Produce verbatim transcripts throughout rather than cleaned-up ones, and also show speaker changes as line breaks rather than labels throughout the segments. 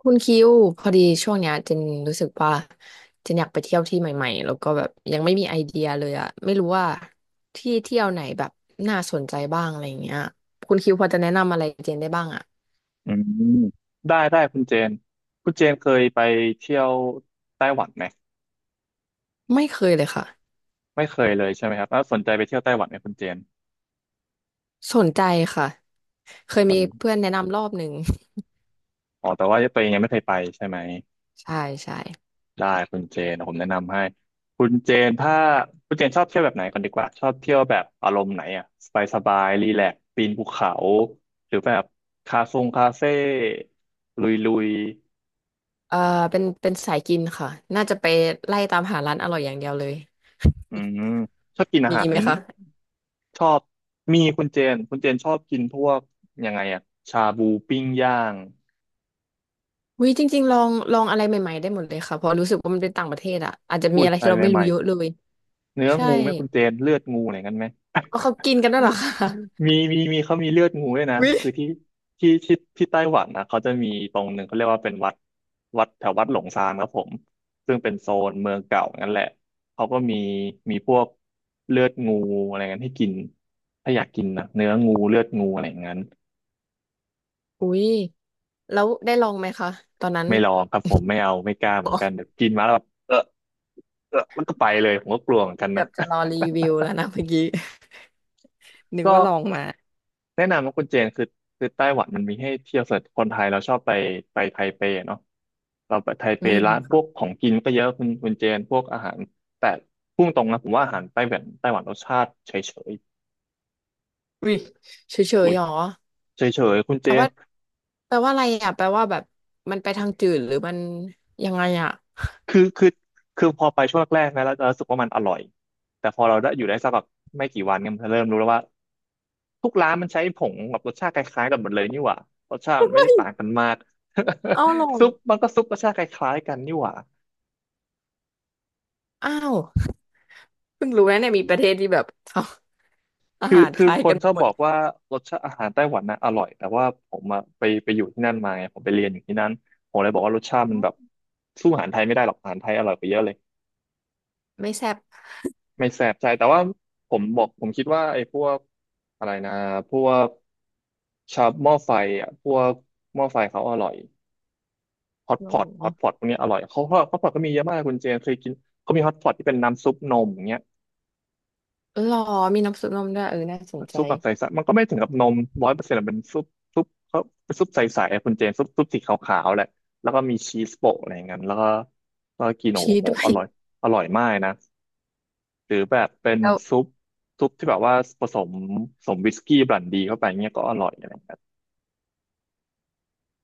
คุณคิวพอดีช่วงเนี้ยเจนรู้สึกว่าเจนอยากไปเที่ยวที่ใหม่ๆแล้วก็แบบยังไม่มีไอเดียเลยอะไม่รู้ว่าที่เที่ยวไหนแบบน่าสนใจบ้างอะไรอย่างเงี้ยคุณคิวพอจะแนะนำอะไรเจนได้บ้างอะ
อืมได้ได้คุณเจนคุณเจนเคยไปเที่ยวไต้หวันไหม
ไม่เคยเลยค่ะ
ไม่เคยเลยใช่ไหมครับแล้วสนใจไปเที่ยวไต้หวันไหมคุณเจน
สนใจค่ะเคย
ส
มี
น
เพื่อนแนะนำรอบหนึ่ง
อ๋อแต่ว่าตัวเองยังไม่เคยไปใช่ไหม
ใช่ใช่
ได้คุณเจนผมแนะนำให้คุณเจนถ้าคุณเจนชอบเที่ยวแบบไหนก่อนดีกว่าชอบเที่ยวแบบอารมณ์ไหนอ่ะสบายสบายรีแลกซ์ปีนภูเขาหรือแบบคาทรงคาเฟ่ลุยลุย
เออเป็นเป็นสายกินค่ะน่าจะไปไล่ตามหาร้านอร่อยอย่างเดียวเลย
อืมชอบกินอา
มี
หา
ไห
ร
มคะ
ชอบมีคุณเจนคุณเจนชอบกินพวกยังไงอะชาบูปิ้งย่าง
วิจริงๆลองลองอะไรใหม่ๆได้หมดเลยค่ะเพราะรู้สึกว่ามันเป็นต่างประเทศอะอาจจะมี
อุ้ย
อะไร
อะ
ที่
ไร
เราไม่
ให
รู้
ม่
เยอะเลย
ๆเนื้อ
ใช่
งูไหมคุณเจนเลือดงูอะไรกันไหม
เอเขากินกันด้วยเหรอคะ
มีมีมีเขามีเลือดงูด้วยนะ
วิ
คือที่ที่ที่ที่ไต้หวันนะเขาจะมีตรงหนึ่งเขาเรียกว่าเป็นวัดวัดแถววัดหลงซานครับผมซึ่งเป็นโซนเมืองเก่านั่นแหละเขาก็มีมีพวกเลือดงูอะไรกันให้กินถ้าอยากกินนะเนื้องูเลือดงูอะไรอย่างนั้น
อุ้ยแล้วได้ลองไหมคะ ตอนนั้น
ไม่ลองครับผมไม่เอาไม่กล้าเห
บ
มื
อ
อน
ก
กันเดี๋ยวกินมาแล้วแบบเออเออมันก็ไปเลยผมก็กลัวเหมือนกัน
เกื
นะ
อบจะรอรีวิวแล้วนะเมื่อกี้ นึ ก
ก็
ว่าลองมา
แนะนำว่าคุณเจนคือคือไต้หวันมันมีให้เที่ยวสำหรับคนไทยเราชอบไปไปไทเปเนาะเราไปไทเป
อืม
ร้านพวก
ค่ะ
ของกินก็เยอะคุณคุณเจนพวกอาหารแต่พุ่งตรงนะผมว่าอาหารไต้หวันไต้หวันรสชาติเฉย
วิเฉ
ๆอุ้
ย
ย
ๆหรอ
เฉยๆคุณ
แป
เจ
ล
น
ว่าแปลว่าอะไรอ่ะแปลว่าแบบมันไปทางจืดหรือมันยังไงอ่ะ
คือคือคือพอไปช่วงแรกๆนะแล้วเรารู้สึกว่ามันอร่อยแต่พอเราได้อยู่ได้สักแบบไม่กี่วันเนี่ยมันจะเริ่มรู้แล้วว่า ทุกร้านมันใช้ผงแบบรสชาติคล้ายๆกันหมดเลยนี่หว่ารสชาติ
เฮ
มันไม่
้
ได้
ย
ต่างกันมาก
เอาลอ ง
ซุปมันก็ซุปรสชาติคล้ายๆกันนี่หว่า
อ้าวเพิ่งรู้นะเนี่ยมีประเทศที่แบบ ทำอา
คือ
หารค
คือ
ล้าย
ค
กั
น
น
ช
ไป
อบ
หม
บ
ด
อกว่ารสชาติอาหารไต้หวันนะอร่อยแต่ว่าผมอะไปไปอยู่ที่นั่นมาไงผมไปเรียนอยู่ที่นั่นผมเลยบอกว่ารสชาติมันแบบสู้อาหารไทยไม่ได้หรอกอาหารไทยอร่อยกว่าเยอะเลย
ไม่แซ่บ
ไม่แสบใจแต่ว่าผมบอกผมคิดว่าไอ้พวกอะไรนะพวกชาบหม้อไฟอ่ะพวกหม้อไฟเขาอร่อย ฮอต
หร
พอตฮอตพอต
อ
พวกเนี้ยอร่อยเขาฮอตพอตก็มีเยอะมากคุณเจนเคยกินเขามีฮอตพอตที่เป็นน้ำซุปนมอย่างเงี้ย
เออหรอมีน้ำซุปนมด้วยเออน่าสนใจ
ซุปแบบใสๆมันก็ไม่ถึงกับนมร้อยเปอร์เซ็นต์เป็นซุปซุปเขาเป็นซุปใสๆอะคุณเจนซุปซุปสีขาวๆแหละแล้วก็มีชีสโปะอะไรอย่างเงี้ยแล้วก็แล้วก็กิน
ชี
โอ้
ส
โห
ด้ว
อ
ย
ร่อยอร่อยมากนะหรือแบบเป็นซุปซุปที่แบบว่าผสมผสมวิสกี้บรันดีเข้าไปเงี้ยก็อร่อยอะไรอย่างเงี้ย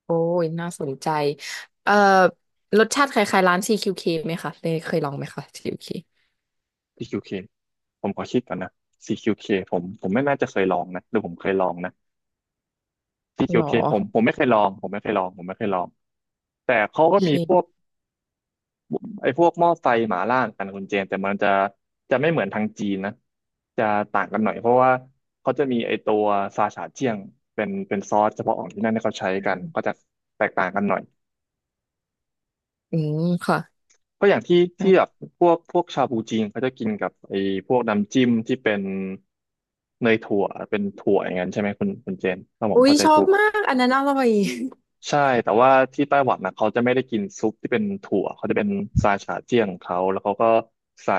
โอ้ยน่าสนใจเอ่อรสชาติคล้ายๆร้าน ซี คิว เค ไหมคะเคยเคยลองไหมคะ ซี คิว เค
ซี คิว เค ผมขอคิดก่อนนะ ซี คิว เค ผมผมไม่น่าจะเคยลองนะหรือผมเคยลองนะ
หรอ
ซี คิว เค ผมผมไม่เคยลองผมไม่เคยลองผมไม่เคยลองแต่เขา
โอ
ก็มีพวก
เค
ไอ้พวกหม้อไฟหมาล่างหมนกันนะคุณเจนแต่มันจะจะไม่เหมือนทางจีนนะจะต่างกันหน่อยเพราะว่าเขาจะมีไอ้ตัวซาชาเจียงเป็นเป็นซอสเฉพาะของที่นั่นที่เขาใช้กันก็จะแตกต่างกันหน่อย
อืมค่ะ
ก็อย่างที่
ครั
ที่แบบ
บ
พวกพวกชาบูจีนเขาจะกินกับไอ้พวกน้ำจิ้มที่เป็นเนยถั่วเป็นถั่วอย่างนั้นใช่ไหมคุณคุณเจนถ้าผม
อุ้ย
เข้าใจ
ชอ
ถู
บ
ก
มากอันนั้นอร่อย
ใช่แต่ว่าที่ไต้หวันนะเขาจะไม่ได้กินซุปที่เป็นถั่วเขาจะเป็นซาชาเจี้ยงของเขาแล้วเขาก็ใส่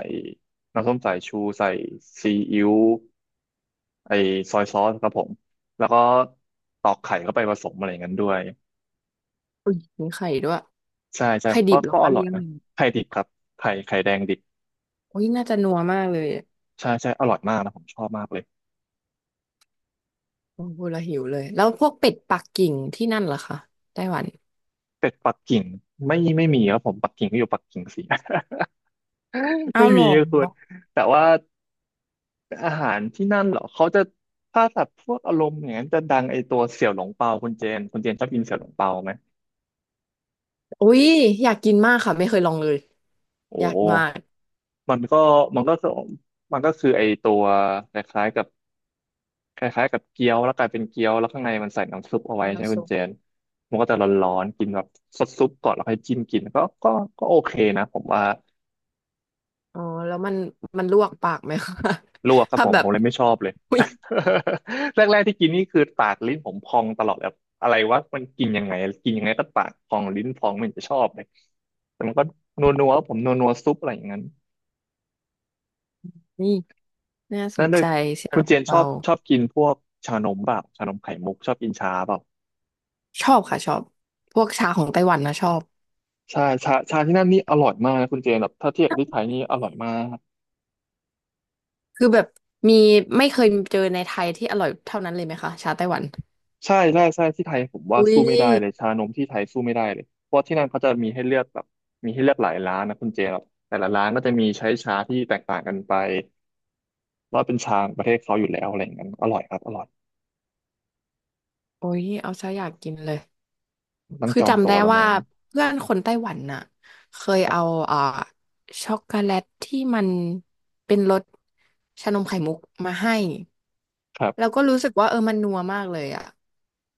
น้ำส้มสายชูใส่ซีอิ๊วไอซอยซอสครับผมแล้วก็ตอกไข่เข้าไปผสมอะไรอย่างนั้นด้วย
อุ้ยมีไข่ด้วย
ใช่ใช่
ไข่ดิ
ก็
บเหรอ
ก็อ
คะ
ร่อ
เลี้
ย
ยง
นะ
เลย
ไข่ดิบครับไข่ไข่แดงดิบ
อุ้ยน่าจะนัวมากเลยอะ
ใช่ใช่อร่อยมากนะผมชอบมากเลย
โอ้โหละหิวเลยแล้วพวกเป็ดปักกิ่งที่นั่นเหรอคะไต้หวัน
เป็ดปักกิ่งไม่ไม่มีครับผมปักกิ่งก็อยู่ปักกิ่งสิ
เอา
ไม่
หร
มี
อ
ครับคุณแต่ว่า อาหารที่นั่นเหรอเขาจะถ้าสัตว์พวกอารมณ์อย่างนั้นจะดังไอตัวเสี่ยวหลงเปาคุณเจนคุณเจนชอบกินเสี่ยวหลงเปาไหม
อุ้ยอยากกินมากค่ะไม่เคยลองเลย
โอ้
อยากมาก
มันก็มันก็คือมันก็คือไอตัวคล้ายๆกับคล้ายๆกับเกี๊ยวแล้วกลายเป็นเกี๊ยวแล้วข้างในมันใส่น้ำซุปเอาไว้ใช่ไหม
น้ำ
คุ
ซุ
ณ
ป
เจนมันก็จะร้อนๆกินแบบซดซุปก่อนแล้วค่อยจิ้มกินก็ก็ก็โอเคนะผมว่า
อ๋อแล้วมันมันลวกปากไหมคะ
ลวกค รับ
ถ้า
ผม
แบ
ผ
บ
มเลยไม่ชอบเลย
อุ้ย
แรกๆที่กินนี่คือปากลิ้นผมพองตลอดแบบอะไรวะมันกินยังไงกินยังไงก็ปากพองลิ้นพองไม่เห็นจะชอบเลยแต่มันก็นัวๆผมนัวๆซุปอะไรอย่างนั้น
น่าส
นั่
น
นด้ว
ใจ
ย
เสี่ยว
คุ
หล
ณเจ
ง
นชอ
เปา
บชอบกินพวกชานมเปล่าชานมไข่มุกชอบกินชาเปล่า
ชอบค่ะชอบพวกชาของไต้หวันนะชอบ
ใช่ชาชาที่นั่นนี่อร่อยมากนะคุณเจนแบบถ้าเทียบกับที่ไทยนี่อร่อยมาก
คือแบบมีไม่เคยเจอในไทยที่อร่อยเท่านั้นเลยไหมคะชาไต้หวัน
ใช่ใช่ใช่ที่ไทยผมว่า
อุ้ย
สู้ไม่ได้เลยชานมที่ไทยสู้ไม่ได้เลยเพราะที่นั่นเขาจะมีให้เลือกแบบมีให้เลือกหลายร้านนะคุณเจครับแต่ละร้านก็จะมีใช้ชาที่แตกต่างกันไปว่าเป็นชาของประเทศเขาอยู่แล้วอะไรอย่างนั้นอร่อยครับอร่อย
โอ้ยเอาซะอยากกินเลย
ต้อง
คือ
จอง
จำ
ตั
ได้
วละ
ว่า
มั้ง
เพื่อนคนไต้หวันน่ะเคย
ครั
เอา
บ
อ่าช็อกโกแลตที่มันเป็นรสชานมไข่มุกมาให้
ครั
แล้ว
บ
ก็รู้สึกว่าเออมันนัวมากเลยอะ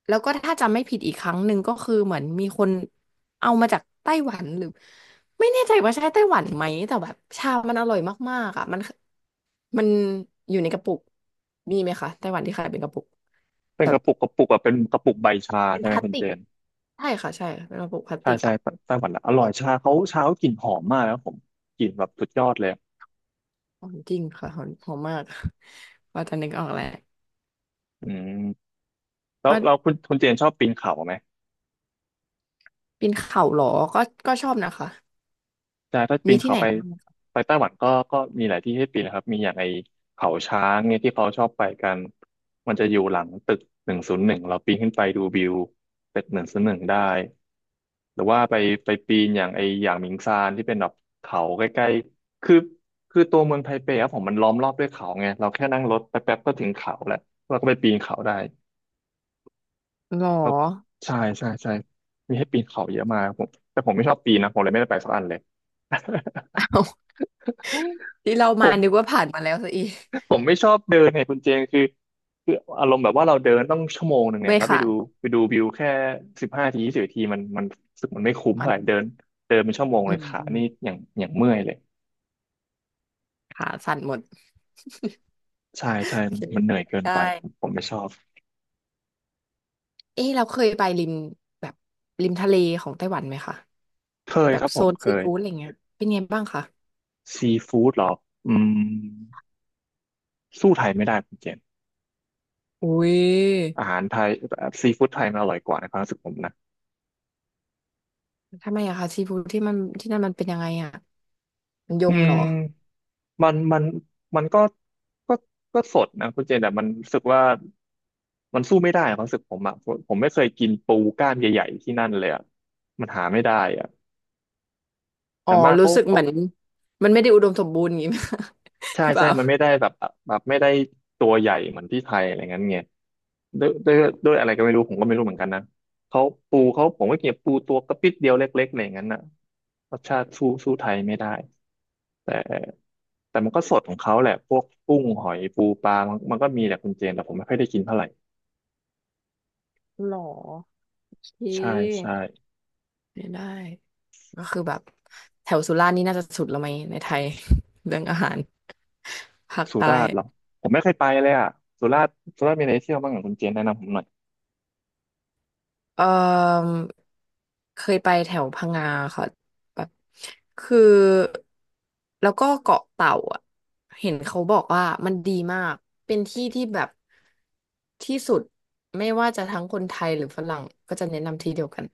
แล้วก็ถ้าจำไม่ผิดอีกครั้งหนึ่งก็คือเหมือนมีคนเอามาจากไต้หวันหรือไม่แน่ใจว่าใช่ไต้หวันไหมแต่แบบชามันอร่อยมากๆอะมันมันอยู่ในกระปุกมีไหมคะไต้หวันที่ขายเป็นกระปุก
เป็น
แบ
ก
บ
ระปุกกระปุกอะเป็นกระปุกใบชา
เป็น
ใช่
พ
ไหม
ลาส
คุณ
ติ
เจ
ก
น
ใช่ค่ะใช่เป็นกระปุกพลาส
ใช่
ติก
ใช่
อะ
ไต้หวันนะอร่อยชาเขาชาเขากลิ่นหอมมากนะครับผมกลิ่นแบบสุดยอดเลย
หอมจริงค่ะหอมหอมมาก ว่าจะนึกออกแล้ว
อืมแล้ว
ว่า
เราคุณคุณเจนชอบปีนเขาไหม
ปีนเขาเหรอก็ก็ชอบนะคะ
ใช่ถ้าปี
มี
น
ที่
เขา
ไหน
ไป
แนะนำไหมคะ
ไปไต้หวันก็ก็มีหลายที่ให้ปีนนะครับมีอย่างไอเขาช้างเนี่ยที่เขาชอบไปกันมันจะอยู่หลังตึกหนึ่งศูนย์หนึ่งเราปีนขึ้นไปดูวิวตึกหนึ่งศูนย์หนึ่งได้หรือว่าไปไปปีนอย่างไออย่างหมิงซานที่เป็นแบบเขาใกล้ๆคือคือตัวเมืองไทเปครับผมมันล้อมรอบด้วยเขาไงเราแค่นั่งรถแป๊บๆก็ถึงเขาแล้วเราก็ไปปีนเขาได้
หรอ
ก็ใช่ใช่ใช่มีให้ปีนเขาเยอะมากครับผมแต่ผมไม่ชอบปีนนะผมเลยไม่ได้ไปสักอันเลย
เอาที่เรา
ผ
มานึก
ม
ว่าผ่านมาแล้วซะอีก
ผมไม่ชอบเดินไงคุณเจงคือคืออารมณ์แบบว่าเราเดินต้องชั่วโมงหนึ่งเนี่ย
ไม่
แล้วไป
ค่ะ
ดูไปดูวิวแค่สิบห้าทียี่สิบทีมันมันรู้สึกมันไม่คุ้ม
มั
เท่า
น
ไหร่เดินเดินเป็นชั่วโมง
อื
เลย
ม
ขา
อืม
นี่อย่างอย่างเมื่อยเลย
ขาสั่นหมด
ใช่
โ
ใช่
อเค
มันมันเหนื่
เข้า
อย
ใจ
เกิน
ได
ไปผม
้
ผมไม่ชอบ
เอ๊ะเราเคยไปริมแบบริมทะเลของไต้หวันไหมคะ
เคย
แบ
ค
บ
รับผ
โซ
ม
น
เค
ซี
ย
ฟู้ดอะไรเงี้ยเป็นไงบ้างคะ
ซีฟู้ดหรออืมสู้ไทยไม่ได้คุณเจน
อุ้ย
อาหารไทยซีฟู้ดไทยมันอร่อยกว่าในความรู้สึกผมนะ
ทำไมอะคะซีฟู้ดที่มันที่นั่นมันเป็นยังไงอะมันย
อื
ม
ม
เหรอ
มันมันมันก็ก็ก็สดนะคุณเจนแต่มันรู้สึกว่ามันสู้ไม่ได้ความรู้สึกผมอะผมผมไม่เคยกินปูกล้ามใหญ่ๆที่นั่นเลยอะมันหาไม่ได้อะอ
อ๋อ
ย่างมาก
รู้
เขา
สึกเห
เขา
มือนมันไม่ได้อุดมสมบูรณ์อย่างงี้ ไหมคะ
ใช่
หรือเป
ใช่
ล่า
มันไม่ได้แบบแบบไม่ได้ตัวใหญ่เหมือนที่ไทยอะไรเง้ยไงด้วยด้วยด้วยอะไรก็ไม่รู้ผมก็ไม่รู้เหมือนกันนะเขาปูเขาผมก็กินปูตัวกระปิดเดียวเล็กๆอะไรอย่างนั้นน่ะรสชาติสู้สู้ไทยไม่ได้แต่ แต่มันก็สดของเขาแหละพวกกุ้งหอยปูปลามันมันก็มีแหละคุณเจนแต่ผมไม่ค่อยได้กินเท่าไหร่
หรอโอเค
ใช่ใช่
ไม่ได้ ก็คือแบบแถวสุราษฎร์นี่น่าจะสุดแล้วไหมในไทย เรื่องอาหารภาค
สุ
ใต้
ราษฎร์เหรอผมไม่เคยไปเลยอ่ะสุราษฎร์สุราษฎร์มีอะไรเที่ยวบ้างอ่ะคุณเจนแนะนำผมหน่อย
เอ่อเคยไปแถวพังงาค่ะแบบคือแล้วก็เกาะเต่าอ่ะเห็นเขาบอกว่ามันดีมากเป็นที่ที่แบบที่สุดไม่ว่าจะทั้งคนไทยหรือฝรั่งก็จะแนะนำที่เดียวกัน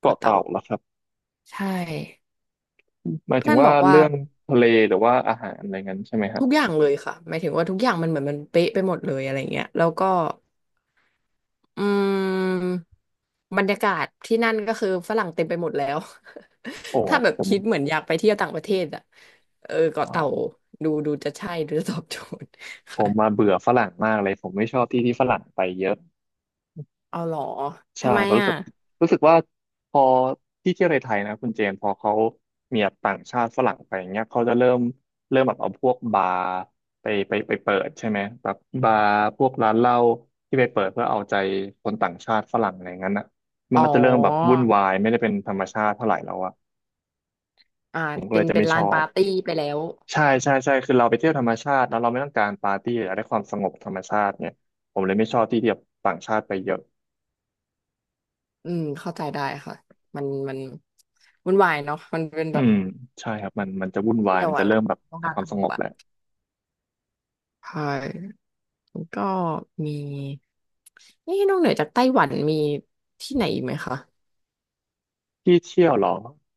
เกาะ
เกาะเต่า
เต่าเหรอครับ
ใช่
หมายถึ
เพื่
ง
อนบ
ว่า
อกว่า
เรื่องทะเลหรือว่าอาหารอะไรงั้นใช่ไหมฮะ
ทุกอย่างเลยค่ะหมายถึงว่าทุกอย่างมันเหมือนมันเป๊ะไปหมดเลยอะไรเงี้ยแล้วก็อืมบรรยากาศที่นั่นก็คือฝรั่งเต็มไปหมดแล้ว
โอ้
ถ้าแบบ
ผม
คิดเหมือนอยากไปเที่ยวต่างประเทศอ่ะเออเกาะ
อ๋อ
เต่าดูดูจะใช่หรือตอบโจทย์
ผ
ค่ะ
มมาเบื่อฝรั่งมากเลยผมไม่ชอบที่ที่ฝรั่งไปเยอะ
เอาเหรอ
ใช่
ทำไม
ผมรู้
อ่ะ
สึกรู้สึกว่าพอที่เที่ยวในไทยนะคุณเจนพอเขามีแบบต่างชาติฝรั่งไปอย่างเงี้ยเขาจะเริ่มเริ่มแบบเอาพวกบาร์ไปไปไปเปิดใช่ไหมแบบบาร์พวกร้านเหล้าที่ไปเปิดเพื่อเอาใจคนต่างชาติฝรั่งอะไรอย่างนั้นอ่ะมัน
อ๋
ก็
อ
จะเริ่มแบบวุ่นวายไม่ได้เป็นธรรมชาติเท่าไหร่แล้วอ่ะ
อ่า
ผมก็
เป็
เล
น
ยจะ
เป็
ไม่
น
ช
ลา
อ
นปา
บ
ร์ตี้ไปแล้ว
ใช่ใช่ใช่คือเราไปเที่ยวธรรมชาติแล้วเราไม่ต้องการปาร์ตี้อยากได้ความสงบธรรมชาติเนี่ยผมเลยไม่ชอบที่ที่แบบต่างชาติไปเยอะ
อืมเข้าใจได้ค่ะมันมันวุ่นวายเนาะมันเป็น
อื
แบบ
มใช่ครับมันมันจะวุ่นวาย
เที่ยว
มันจะ
อะ
เริ่
ล่ะ
มแบบ
ต้อง
หา
การ
ค
ส
วามส
ง
ง
บ
บ
อะ
แหละ
ใช่ แล้วก็มีนี่นอกเหนือจากไต้หวันมีที่ไหนอีกไหมคะ
ที่เที่ยวเหรอ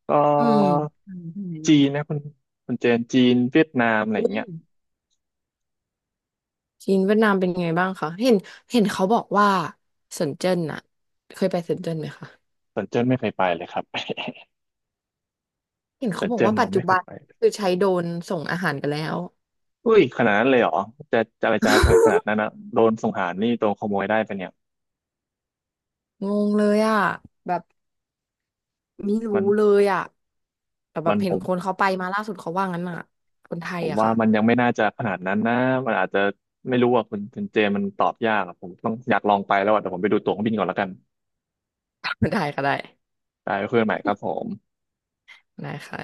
ก็
อืม
จีนนะคุณคุณเจนจีนเวียดนามอะไรอย่างเงี้ย
จีนเวียดนามเป็นไงบ้างคะเห็นเห็นเขาบอกว่าเซินเจิ้นอะเคยไปเซินเจิ้นไหมคะ
สวนเจิ้นไม่เคยไปเลยครับ
เห็น
ส
เขา
วน
บอก
เจิ้น
ว่า
เรา
ปัจจุ
ไม่เค
บั
ย
น
ไปเลย
คือใช้โดรนส่งอาหารกันแล้ว
อุ้ยขนาดนั้นเลยเหรอจะจะอะไรจะอะไรขนาด นั้นนะโดนสงหารนี่โดนขโมยได้ปะเนี่ย
งงเลยอะแบบไม่รู้
มัน
เลยอะแต่แบ
มั
บ
น
เห็
ผ
น
ม
คนเขาไปมาล่าสุดเขาว่างั้นอะคนไท
ผ
ย
ม
อะ
ว่า
ค่ะ
มันยังไม่น่าจะขนาดนั้นนะมันอาจจะไม่รู้อ่ะคุณคุณเจนมันตอบยากอะผมต้องอยากลองไปแล้วอ่ะเดี๋ยวผมไปดูตั๋วเครื่องบินก่อนแล้วกัน
ได้ก็ได้
ได้เพื่อนใหม่ครับผม
ได้ค่ะ